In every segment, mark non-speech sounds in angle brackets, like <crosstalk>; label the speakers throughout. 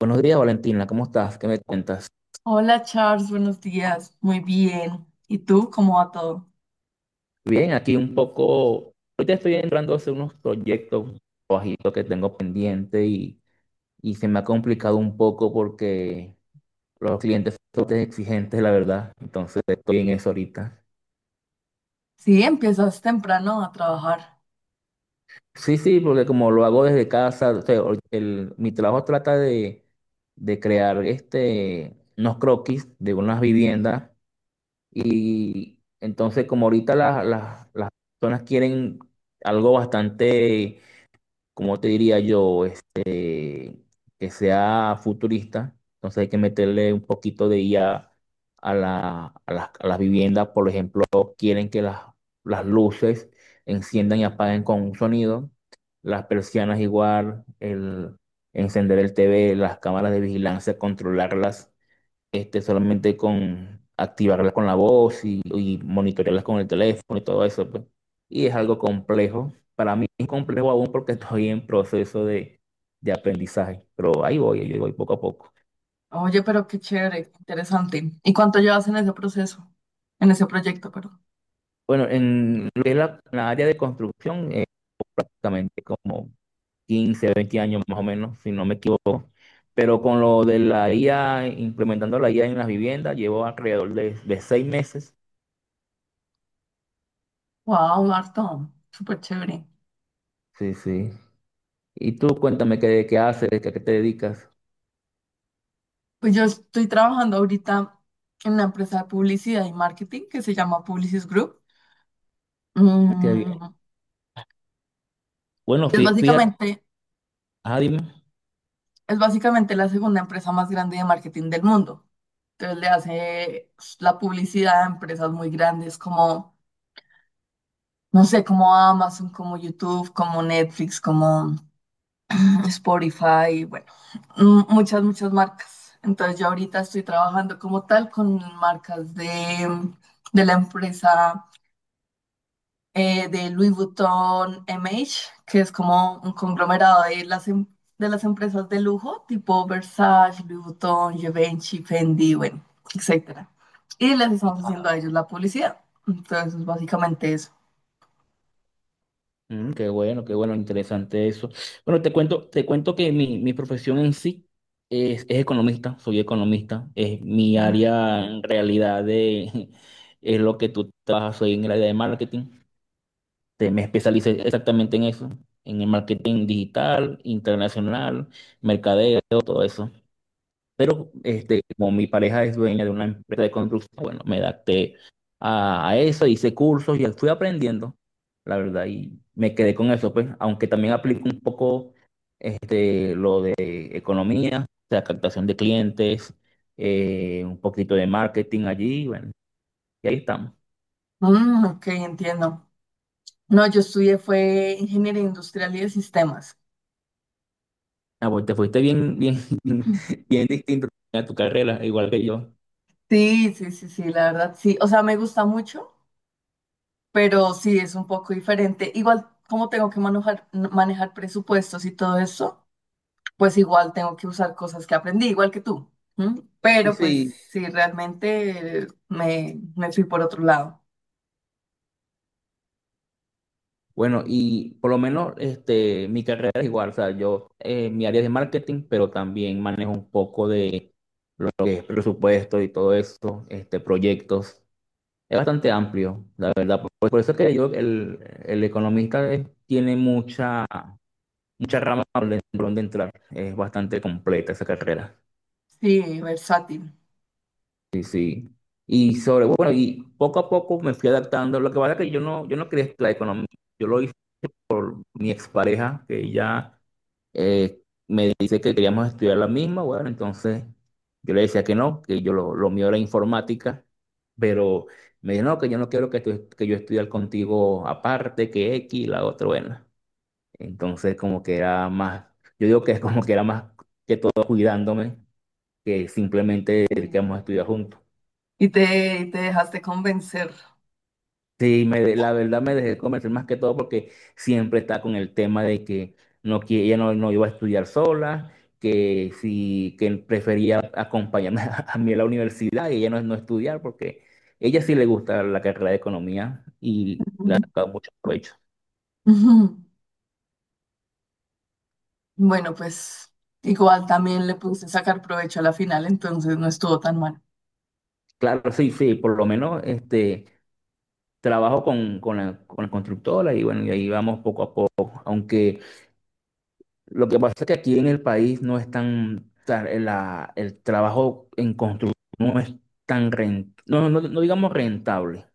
Speaker 1: Buenos días, Valentina, ¿cómo estás? ¿Qué me cuentas?
Speaker 2: Hola Charles, buenos días. Muy bien. ¿Y tú cómo va todo?
Speaker 1: Bien, aquí un poco, ahorita estoy entrando a hacer unos proyectos bajitos que tengo pendiente y se me ha complicado un poco porque los clientes son bastante exigentes, la verdad, entonces estoy en eso ahorita.
Speaker 2: Sí, empiezas temprano a trabajar.
Speaker 1: Sí, sí, porque como lo hago desde casa, o sea, ahorita mi trabajo trata de crear este, unos croquis de unas viviendas. Y entonces, como ahorita las personas quieren algo bastante, como te diría yo, este, que sea futurista, entonces hay que meterle un poquito de IA a las viviendas. Por ejemplo, quieren que las luces enciendan y apaguen con un sonido, las persianas igual, el encender el TV, las cámaras de vigilancia, controlarlas este, solamente con activarlas con la voz y monitorearlas con el teléfono y todo eso, pues. Y es algo complejo. Para mí es complejo aún porque <laughs> estoy en proceso de aprendizaje, pero ahí voy poco a poco.
Speaker 2: Oye, pero qué chévere, qué interesante. ¿Y cuánto llevas en ese proceso? En ese proyecto, perdón.
Speaker 1: Bueno, en lo que es la área de construcción, prácticamente como 15-20 años más o menos, si no me equivoco. Pero con lo de la IA, implementando la IA en las viviendas, llevo alrededor de 6 meses.
Speaker 2: Wow, harto. Súper chévere.
Speaker 1: Sí, sí. Y tú cuéntame qué haces, a qué te dedicas.
Speaker 2: Pues yo estoy trabajando ahorita en una empresa de publicidad y marketing que se llama Publicis Group.
Speaker 1: Qué bien.
Speaker 2: Mm,
Speaker 1: Bueno,
Speaker 2: es
Speaker 1: fíjate,
Speaker 2: básicamente.
Speaker 1: ah, dime.
Speaker 2: Es básicamente la segunda empresa más grande de marketing del mundo. Entonces le hace pues la publicidad a empresas muy grandes como, no sé, como Amazon, como YouTube, como Netflix, como Spotify, bueno, muchas, muchas marcas. Entonces yo ahorita estoy trabajando como tal con marcas de la empresa, de Louis Vuitton M H, que es como un conglomerado de las, de las empresas de lujo, tipo Versace, Louis Vuitton, Givenchy, Fendi, bueno, etcétera. Y les estamos haciendo a ellos la publicidad. Entonces, es básicamente eso.
Speaker 1: Mm, qué bueno, interesante eso. Bueno, te cuento que mi profesión en sí es economista, soy economista, es mi
Speaker 2: Sí.
Speaker 1: área en realidad de, <laughs> es lo que tú trabajas, soy en el área de marketing, me especialicé exactamente en eso, en el marketing digital, internacional, mercadeo, todo eso. Pero este, como mi pareja es dueña de una empresa de construcción, bueno, me adapté a eso, hice cursos y fui aprendiendo, la verdad, y me quedé con eso, pues, aunque también aplico un poco este, lo de economía, o sea, captación de clientes, un poquito de marketing allí, bueno, y ahí estamos.
Speaker 2: Mm, ok, entiendo. No, yo estudié fue ingeniería industrial y de sistemas.
Speaker 1: Ah, pues te fuiste bien, bien, <laughs> bien distinto a tu carrera, igual que yo.
Speaker 2: Sí, sí, sí, sí, la verdad, sí. O sea, me gusta mucho, pero sí es un poco diferente. Igual, como tengo que manejar presupuestos y todo eso, pues igual tengo que usar cosas que aprendí, igual que tú. ¿M?
Speaker 1: Sí,
Speaker 2: Pero pues
Speaker 1: sí.
Speaker 2: sí, realmente me fui por otro lado.
Speaker 1: Bueno, y por lo menos este, mi carrera es igual, o sea, yo, mi área es de marketing, pero también manejo un poco de lo que es presupuesto y todo eso, este, proyectos. Es bastante amplio, la verdad. Por eso es que yo, el economista tiene mucha, mucha rama por donde entrar. Es bastante completa esa carrera.
Speaker 2: Sí, versátil.
Speaker 1: Sí, sí. Y poco a poco me fui adaptando. Lo que pasa es que yo no quería estudiar economía. Yo lo hice con mi expareja, que ya dice que queríamos estudiar la misma, bueno, entonces yo le decía que no, que yo lo mío era informática, pero me dijo, no, que yo no quiero que, que yo estudie contigo aparte, que X, la otra, bueno. Entonces como que era más, yo digo que es como que era más cuidándome que simplemente que
Speaker 2: Sí.
Speaker 1: queríamos estudiar juntos.
Speaker 2: Y te dejaste convencer.
Speaker 1: Sí, la verdad me dejé convencer más que todo porque siempre está con el tema de que no, que ella no iba a estudiar sola, que sí, que prefería acompañarme <laughs> a mí a la universidad y ella no estudiar porque ella sí le gusta la carrera de economía y le ha
Speaker 2: Ujú.
Speaker 1: sacado mucho provecho.
Speaker 2: Ujú. Bueno, pues igual también le puse sacar provecho a la final, entonces no estuvo tan mal.
Speaker 1: Claro, sí, sí, por lo menos este, trabajo con la constructora y bueno, y ahí vamos poco a poco, aunque… Lo que pasa es que aquí en el país no es tan, o sea, el trabajo en construcción no digamos rentable,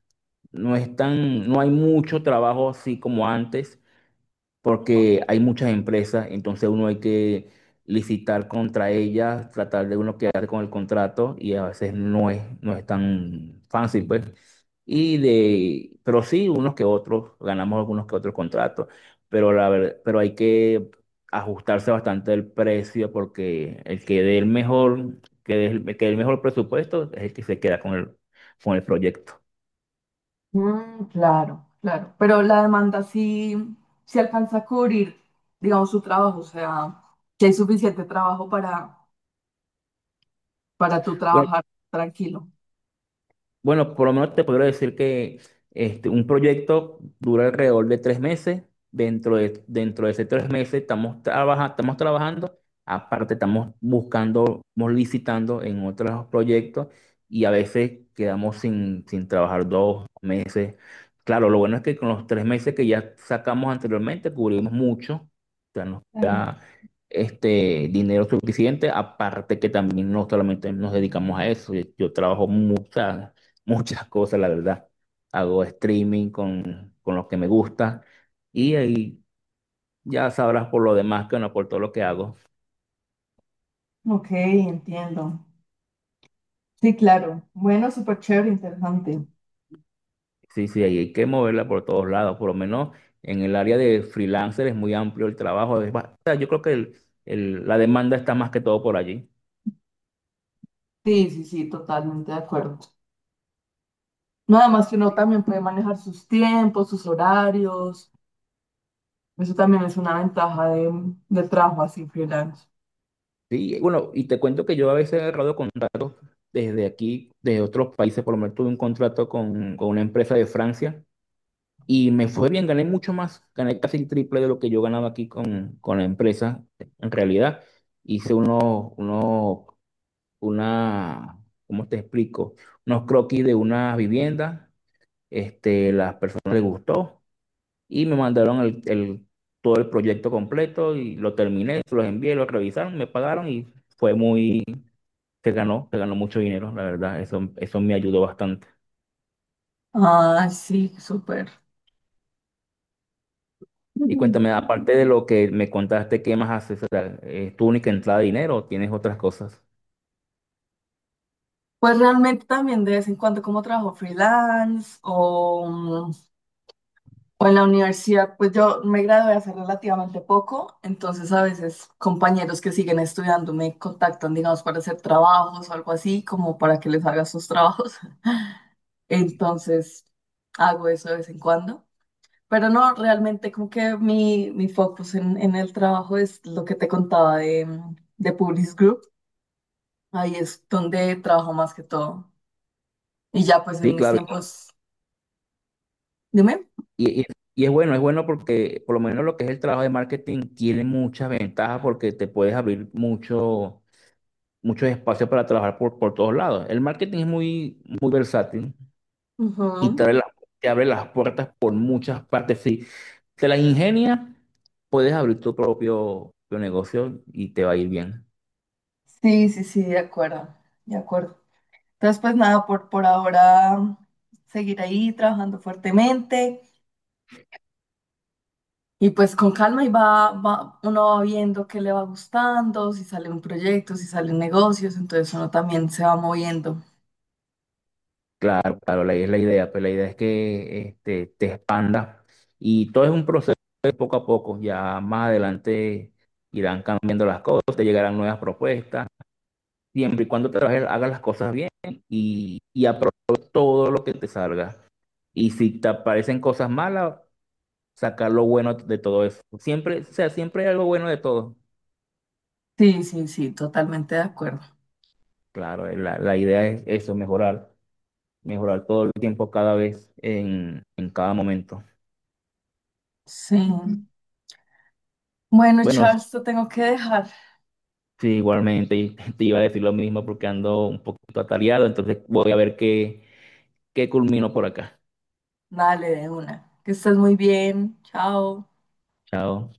Speaker 1: no es tan, no hay mucho trabajo así como antes, porque hay muchas empresas, entonces uno hay que licitar contra ellas, tratar de uno quedar con el contrato y a veces no es tan fácil, pues. Pero sí, unos que otros, ganamos algunos que otros contratos, pero hay que ajustarse bastante el precio porque el que dé el mejor, que dé el mejor presupuesto es el que se queda con el proyecto.
Speaker 2: Mm, claro, claro. Pero la demanda sí, sí alcanza a cubrir, digamos, su trabajo, o sea, que hay suficiente trabajo para tú
Speaker 1: Bueno,
Speaker 2: trabajar tranquilo.
Speaker 1: Bueno, por lo menos te podría decir que este, un proyecto dura alrededor de 3 meses. Dentro de esos 3 meses estamos, estamos trabajando. Aparte, estamos buscando, estamos licitando en otros proyectos y a veces quedamos sin trabajar 2 meses. Claro, lo bueno es que con los 3 meses que ya sacamos anteriormente cubrimos mucho
Speaker 2: Claro.
Speaker 1: este dinero suficiente, aparte que también no solamente nos dedicamos a eso, yo trabajo muchas, <laughs> muchas cosas, la verdad. Hago streaming con lo que me gusta y ahí ya sabrás por lo demás que no, por todo lo que hago.
Speaker 2: Ok, entiendo. Sí, claro. Bueno, súper chévere, interesante.
Speaker 1: Sí, sí, ahí hay que moverla por todos lados, por lo menos en el área de freelancer es muy amplio el trabajo. O sea, yo creo que la demanda está más que todo por allí.
Speaker 2: Sí, sí, sí, totalmente de acuerdo. Nada más que uno también puede manejar sus tiempos, sus horarios. Eso también es una ventaja del trabajo así freelance.
Speaker 1: Sí, bueno, y te cuento que yo a veces he agarrado contratos desde aquí, de otros países, por lo menos tuve un contrato con una empresa de Francia y me fue bien, gané mucho más, gané casi el triple de lo que yo ganaba aquí con la empresa. En realidad, hice una, ¿cómo te explico? Unos croquis de una vivienda, este, las personas les gustó y me mandaron todo el proyecto completo y lo terminé, se los envié, lo revisaron, me pagaron y fue muy que ganó mucho dinero, la verdad, eso me ayudó bastante.
Speaker 2: Ah, sí, súper.
Speaker 1: Y
Speaker 2: Ujú.
Speaker 1: cuéntame, aparte de lo que me contaste, ¿qué más haces? O sea, ¿es tu única entrada de dinero o tienes otras cosas?
Speaker 2: Pues realmente también de vez en cuando como trabajo freelance o o en la universidad. Pues yo me gradué hace relativamente poco, entonces a veces compañeros que siguen estudiando me contactan, digamos, para hacer trabajos o algo así, como para que les haga sus trabajos. <laughs> Entonces hago eso de vez en cuando. Pero no, realmente como que mi focus en el trabajo es lo que te contaba de, mm, de Publis Group. Ahí es donde trabajo más que todo. Y ya pues en
Speaker 1: Sí,
Speaker 2: mis
Speaker 1: claro,
Speaker 2: tiempos, dime.
Speaker 1: y, y- y es bueno porque por lo menos lo que es el trabajo de marketing tiene muchas ventajas porque te puedes abrir muchos espacios para trabajar por todos lados. El marketing es muy, muy versátil y te
Speaker 2: Ujú.
Speaker 1: abre, te abre las puertas por muchas partes. Si te las ingenias, puedes abrir tu propio, propio negocio y te va a ir bien.
Speaker 2: Sí, sí, sí, de acuerdo, de acuerdo. Entonces, pues nada, por ahora seguir ahí trabajando fuertemente y pues con calma y uno va viendo qué le va gustando, si sale un proyecto, si salen negocios, entonces uno también se va moviendo.
Speaker 1: Claro, claro, es la idea, pero la idea es que este, te expandas y todo es un proceso de poco a poco. Ya más adelante irán cambiando las cosas, te llegarán nuevas propuestas, siempre y cuando trabajes, hagas las cosas bien y aproveches todo lo que te salga. Y si te aparecen cosas malas, sacar lo bueno de todo eso. Siempre, o sea, siempre hay algo bueno de todo.
Speaker 2: Sí, sí, sí, totalmente de acuerdo.
Speaker 1: Claro, la idea es eso, mejorar, mejorar todo el tiempo, cada vez, en cada momento.
Speaker 2: Sí. Bueno,
Speaker 1: Bueno,
Speaker 2: Charles, te tengo que dejar.
Speaker 1: sí, igualmente y <laughs> te iba a decir lo mismo porque ando un poquito atareado, entonces voy a ver qué culmino por acá.
Speaker 2: Dale, de una. Que estés muy bien. Chao.
Speaker 1: Chao.